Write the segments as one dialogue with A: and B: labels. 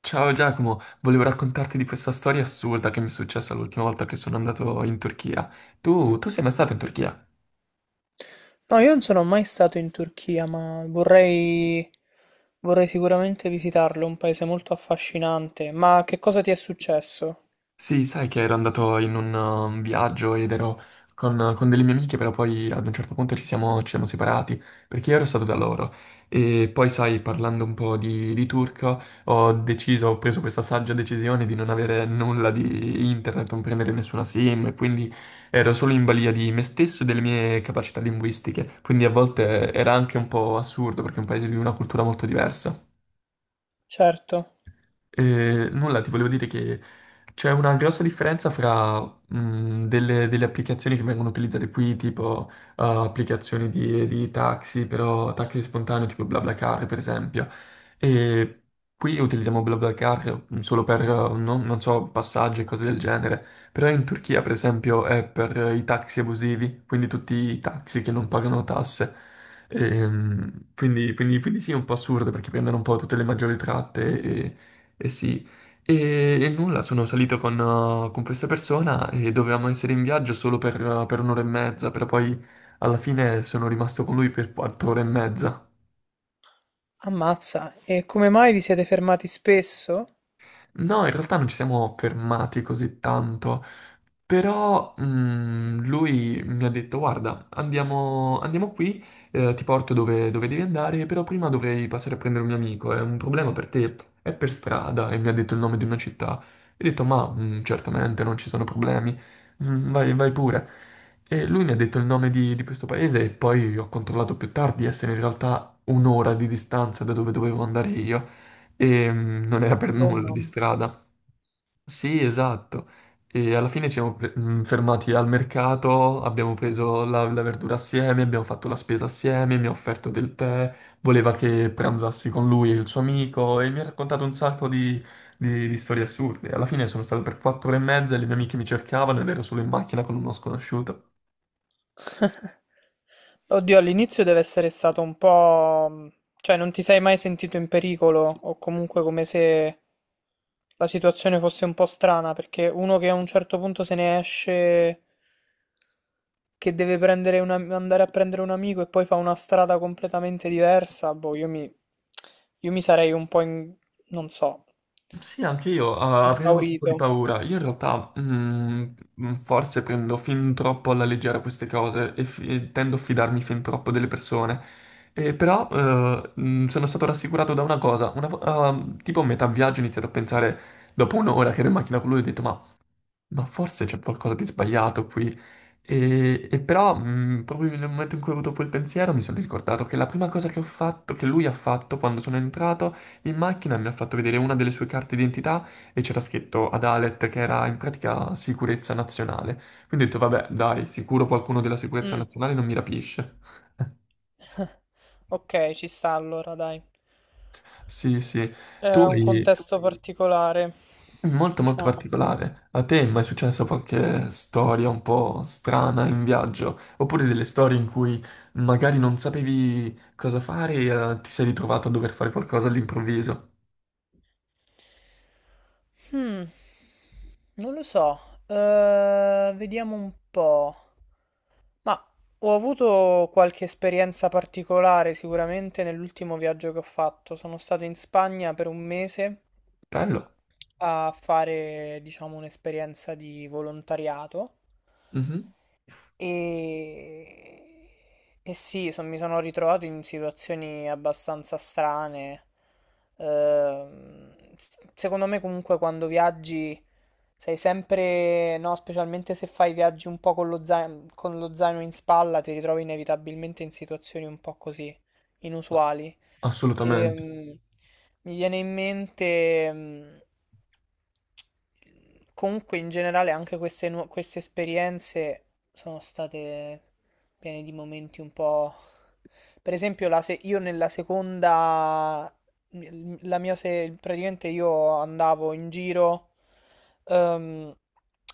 A: Ciao Giacomo, volevo raccontarti di questa storia assurda che mi è successa l'ultima volta che sono andato in Turchia. Tu sei mai stato in Turchia?
B: No, io non sono mai stato in Turchia, ma vorrei sicuramente visitarlo, è un paese molto affascinante. Ma che cosa ti è successo?
A: Sì, sai che ero andato in un viaggio ed ero con delle mie amiche, però poi ad un certo punto ci siamo separati perché io ero stato da loro. E poi, sai, parlando un po' di turco, ho deciso, ho preso questa saggia decisione di non avere nulla di internet, non prendere nessuna SIM, e quindi ero solo in balia di me stesso e delle mie capacità linguistiche. Quindi a volte era anche un po' assurdo perché è un paese di una cultura molto diversa.
B: Certo.
A: Nulla, ti volevo dire che c'è una grossa differenza fra delle applicazioni che vengono utilizzate qui, tipo applicazioni di taxi, però taxi spontaneo, tipo BlaBlaCar, per esempio. E qui utilizziamo BlaBlaCar solo per, non so, passaggi e cose del genere. Però in Turchia, per esempio, è per i taxi abusivi, quindi tutti i taxi che non pagano tasse. Quindi sì, è un po' assurdo perché prendono un po' tutte le maggiori tratte, eh sì, e nulla, sono salito con questa persona e dovevamo essere in viaggio solo per un'ora e mezza, però poi alla fine sono rimasto con lui per quattro ore e mezza.
B: Ammazza, e come mai vi siete fermati spesso?
A: No, in realtà non ci siamo fermati così tanto. Però lui mi ha detto: guarda, andiamo, andiamo qui, ti porto dove devi andare, però prima dovrei passare a prendere un mio amico, è un problema per te, è per strada, e mi ha detto il nome di una città. E ho detto: ma certamente non ci sono problemi. Vai, vai pure. E lui mi ha detto il nome di questo paese e poi ho controllato più tardi, essere in realtà un'ora di distanza da dove dovevo andare io, e non era per
B: Oh
A: nulla di
B: mamma.
A: strada. Sì, esatto. E alla fine ci siamo fermati al mercato, abbiamo preso la verdura assieme, abbiamo fatto la spesa assieme, mi ha offerto del tè, voleva che pranzassi con lui e il suo amico e mi ha raccontato un sacco di storie assurde. Alla fine sono stato per quattro ore e mezza e le mie amiche mi cercavano ed ero solo in macchina con uno sconosciuto.
B: Oddio, all'inizio deve essere stato un po', cioè non ti sei mai sentito in pericolo o comunque come se la situazione fosse un po' strana, perché uno che a un certo punto se ne esce che deve prendere un andare a prendere un amico e poi fa una strada completamente diversa, boh, io mi sarei un po' in, non so,
A: Sì, anche io avrei avuto un po'
B: impaurito.
A: di paura. Io in realtà forse prendo fin troppo alla leggera queste cose e tendo a fidarmi fin troppo delle persone. E però sono stato rassicurato da una cosa. Tipo a metà viaggio ho iniziato a pensare, dopo un'ora che ero in macchina con lui, ho detto: ma forse c'è qualcosa di sbagliato qui. E però, proprio nel momento in cui ho avuto quel pensiero, mi sono ricordato che la prima cosa che ho fatto, che lui ha fatto quando sono entrato in macchina, mi ha fatto vedere una delle sue carte d'identità, e c'era scritto Adalet, che era in pratica sicurezza nazionale. Quindi ho detto: vabbè, dai, sicuro qualcuno della sicurezza
B: Mm.
A: nazionale non mi rapisce.
B: Ok, ci sta allora, dai.
A: Sì, sì. Tu
B: Era un
A: hai...
B: contesto particolare,
A: Molto molto
B: diciamo.
A: particolare. A te è mai successa qualche storia un po' strana in viaggio? Oppure delle storie in cui magari non sapevi cosa fare e ti sei ritrovato a dover fare qualcosa all'improvviso?
B: Hmm, non lo so. Vediamo un po'. Ma ho avuto qualche esperienza particolare sicuramente nell'ultimo viaggio che ho fatto. Sono stato in Spagna per un mese
A: Bello.
B: a fare, diciamo, un'esperienza di volontariato.
A: Mhm.
B: E, e sì, mi sono ritrovato in situazioni abbastanza strane. Secondo me comunque quando viaggi sei sempre, no, specialmente se fai viaggi un po' con lo zaino in spalla, ti ritrovi inevitabilmente in situazioni un po' così,
A: No.
B: inusuali.
A: Assolutamente.
B: Ehm, mi viene in mente, comunque in generale anche queste, queste esperienze sono state piene di momenti un po'. Per esempio, la se- io nella seconda, la mia se- praticamente io andavo in giro ehm,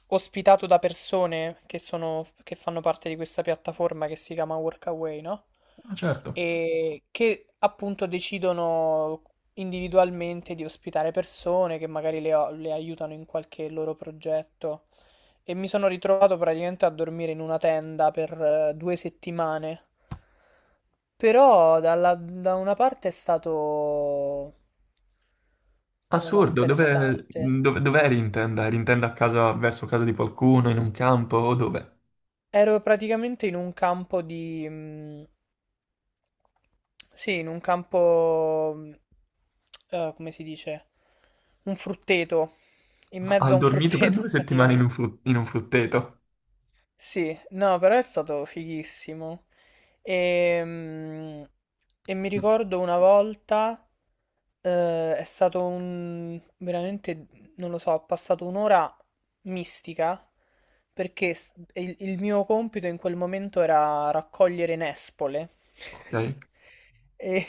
B: ospitato da persone che sono, che fanno parte di questa piattaforma che si chiama Workaway, no?
A: Ah, certo.
B: E che appunto decidono individualmente di ospitare persone che magari le aiutano in qualche loro progetto. E mi sono ritrovato praticamente a dormire in una tenda per due settimane. Però da una parte è stato, non lo so,
A: Assurdo. Dove,
B: interessante.
A: dove, dove eri in tenda? Eri in tenda a casa, verso casa di qualcuno, in un campo o dove?
B: Ero praticamente in un campo di, sì, in un campo, come si dice? Un frutteto. In mezzo
A: Hai
B: a un
A: dormito per
B: frutteto,
A: due settimane in un,
B: praticamente.
A: fru- in un frutteto?
B: Sì, no, però è stato fighissimo. Ehm, mi
A: Mm.
B: ricordo una volta, è stato un, veramente, non lo so, ho passato un'ora mistica perché il mio compito in quel momento era raccogliere nespole.
A: Ok.
B: E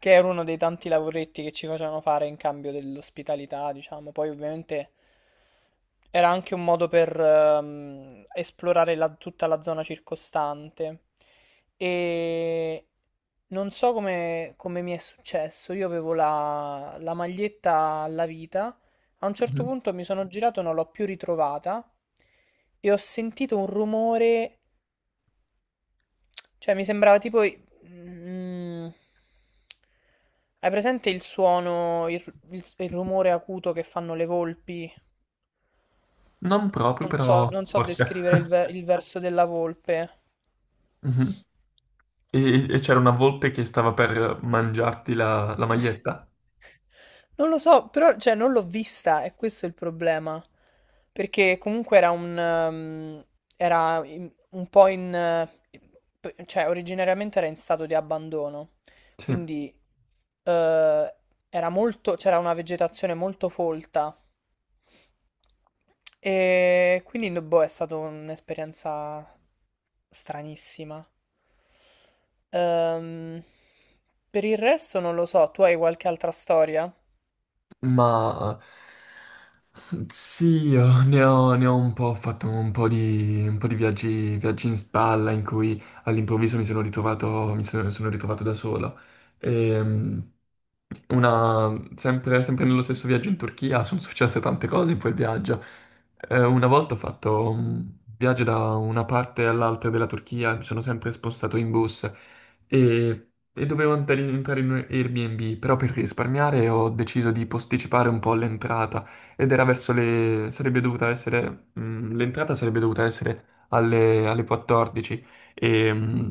B: che era uno dei tanti lavoretti che ci facevano fare in cambio dell'ospitalità, diciamo. Poi ovviamente era anche un modo per esplorare tutta la zona circostante. E non so come mi è successo, io avevo la maglietta alla vita, a un certo
A: Mhm.
B: punto mi sono girato e non l'ho più ritrovata e ho sentito un rumore cioè, mi sembrava tipo, hai presente il suono, il rumore acuto che fanno le volpi?
A: Non proprio,
B: Non so,
A: però
B: non so
A: forse.
B: descrivere il verso della volpe.
A: Mhm. E c'era una volpe che stava per mangiarti la maglietta?
B: Non lo so, però, cioè, non l'ho vista, e questo è il problema. Perché comunque era un, era un po' in, cioè, originariamente era in stato di abbandono.
A: Sì,
B: Quindi eh, era molto, c'era una vegetazione molto folta. E quindi, boh, è stata un'esperienza stranissima. Ehm, per il resto non lo so, tu hai qualche altra storia?
A: ma sì, io ne ho un po', ho fatto un po' di viaggi in spalla in cui all'improvviso mi sono ritrovato da solo. Ehm, sempre nello stesso viaggio in Turchia sono successe tante cose in quel viaggio. Una volta ho fatto un viaggio da una parte all'altra della Turchia, mi sono sempre spostato in bus e dovevo entrare in un Airbnb, però per risparmiare ho deciso di posticipare un po' l'entrata ed era verso le, sarebbe dovuta essere, l'entrata sarebbe dovuta essere alle 14 e,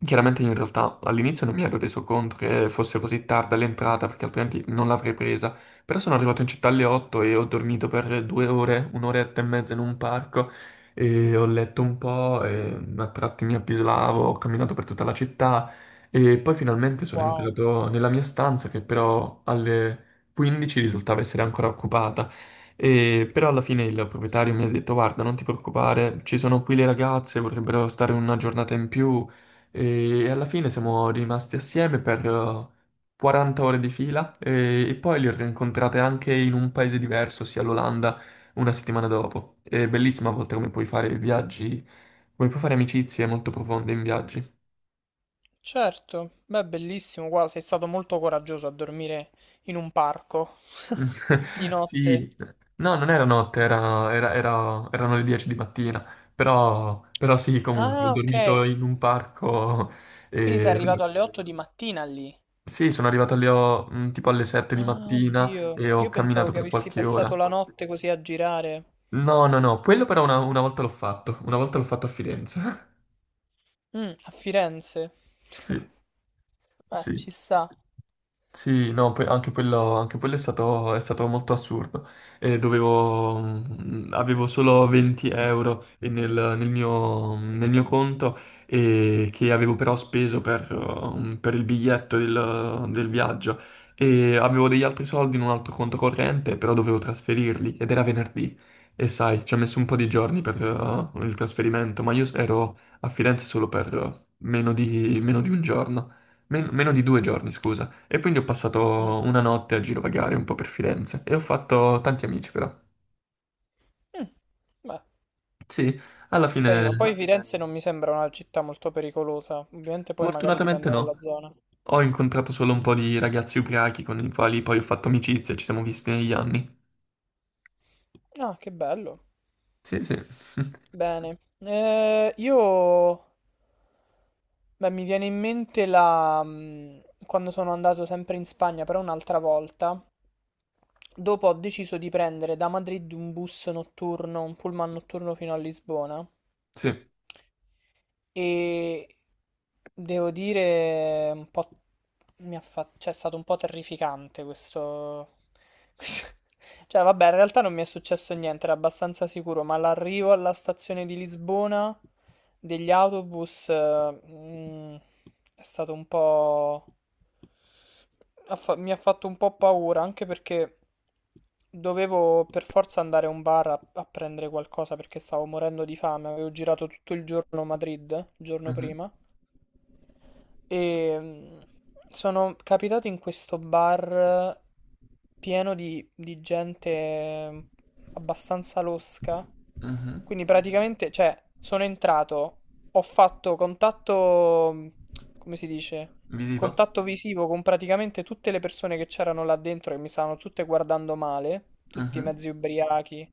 A: chiaramente in realtà all'inizio non mi ero reso conto che fosse così tarda l'entrata, perché altrimenti non l'avrei presa, però sono arrivato in città alle 8 e ho dormito per due ore, un'oretta e mezza in un parco, e ho letto un po', e a tratti mi appisolavo, ho camminato per tutta la città e poi finalmente sono
B: Wow.
A: entrato nella mia stanza, che però alle 15 risultava essere ancora occupata. E però alla fine il proprietario mi ha detto: guarda, non ti preoccupare, ci sono qui le ragazze, vorrebbero stare una giornata in più. E alla fine siamo rimasti assieme per 40 ore di fila, e poi li ho rincontrate anche in un paese diverso, ossia l'Olanda, una settimana dopo. È bellissima a volte come puoi fare viaggi, come puoi fare amicizie molto profonde in viaggi.
B: Certo, beh, bellissimo, guarda, sei stato molto coraggioso a dormire in un parco di notte.
A: Sì, no, non era notte, erano le 10 di mattina, però sì, comunque, ho
B: Ah, ok,
A: dormito in un parco
B: quindi sei
A: e,
B: arrivato alle 8 di mattina lì.
A: sì, sono arrivato lì tipo alle 7 di
B: Ah,
A: mattina
B: oddio,
A: e ho
B: io pensavo
A: camminato
B: che
A: per
B: avessi
A: qualche
B: passato
A: ora.
B: la notte così a girare.
A: No, no, no, quello però una volta l'ho fatto, una volta l'ho fatto a Firenze.
B: Mm, a Firenze.
A: Sì,
B: Beh,
A: sì.
B: ci sta.
A: Sì, no, anche quello è stato, molto assurdo. Avevo solo 20 € nel mio conto, e che avevo però speso per il biglietto del viaggio, e avevo degli altri soldi in un altro conto corrente, però dovevo trasferirli ed era venerdì, e sai, ci ha messo un po' di giorni per il trasferimento, ma io ero a Firenze solo per meno di un giorno. Meno di due giorni, scusa. E quindi ho
B: Mm.
A: passato una notte a girovagare un po' per Firenze e ho fatto tanti amici però.
B: Mm. Beh.
A: Sì, alla
B: Carino, poi
A: fine,
B: ma dipende. Firenze bello. Non mi sembra una città molto pericolosa, ovviamente poi magari
A: fortunatamente
B: dipende dalla
A: no.
B: zona.
A: Ho incontrato solo un po' di ragazzi ubriachi con i quali poi ho fatto amicizia, ci siamo visti negli anni.
B: Ah, che bello.
A: Sì, sì.
B: Bene. Io. Beh, mi viene in mente quando sono andato sempre in Spagna, però un'altra volta, dopo ho deciso di prendere da Madrid un bus notturno, un pullman notturno fino a Lisbona.
A: Sì.
B: E devo dire, un po', mi ha cioè, è stato un po' terrificante questo, questo- cioè, vabbè, in realtà non mi è successo niente, era abbastanza sicuro, ma l'arrivo alla stazione di Lisbona degli autobus, è stato un po', mi ha fatto un po' paura, anche perché dovevo per forza andare a un bar a prendere qualcosa perché stavo morendo di fame. Avevo girato tutto il giorno a Madrid, il giorno
A: Mhm,
B: prima. E sono capitato in questo bar pieno di gente abbastanza losca.
A: mhm.
B: Quindi praticamente, cioè, sono entrato, ho fatto contatto, come si dice?
A: Visivo.
B: Contatto visivo con praticamente tutte le persone che c'erano là dentro, che mi stavano tutte guardando male, tutti
A: Mhm.
B: mezzi ubriachi.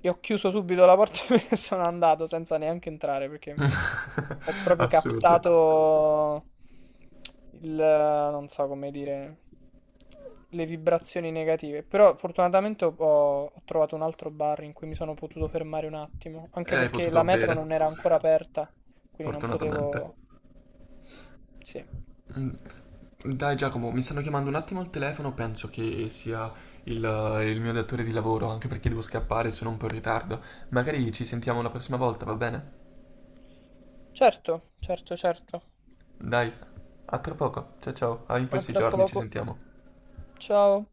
B: Io ho chiuso subito la porta e sono andato senza neanche entrare perché ho proprio
A: Assurdo.
B: captato il, non so come dire, le vibrazioni negative. Però fortunatamente ho trovato un altro bar in cui mi sono potuto fermare un attimo,
A: E
B: anche
A: hai
B: perché
A: potuto
B: la
A: bere,
B: metro non era ancora aperta, quindi non
A: fortunatamente.
B: potevo. Sì.
A: Mm. Dai Giacomo, mi stanno chiamando un attimo al telefono, penso che sia il, il mio datore di lavoro, anche perché devo scappare, sono un po' in ritardo. Magari ci sentiamo la prossima volta, va bene?
B: Certo, certo, certo.
A: Dai, a tra poco. Ciao ciao, in
B: A
A: questi
B: tra
A: giorni ci
B: poco.
A: sentiamo.
B: Ciao.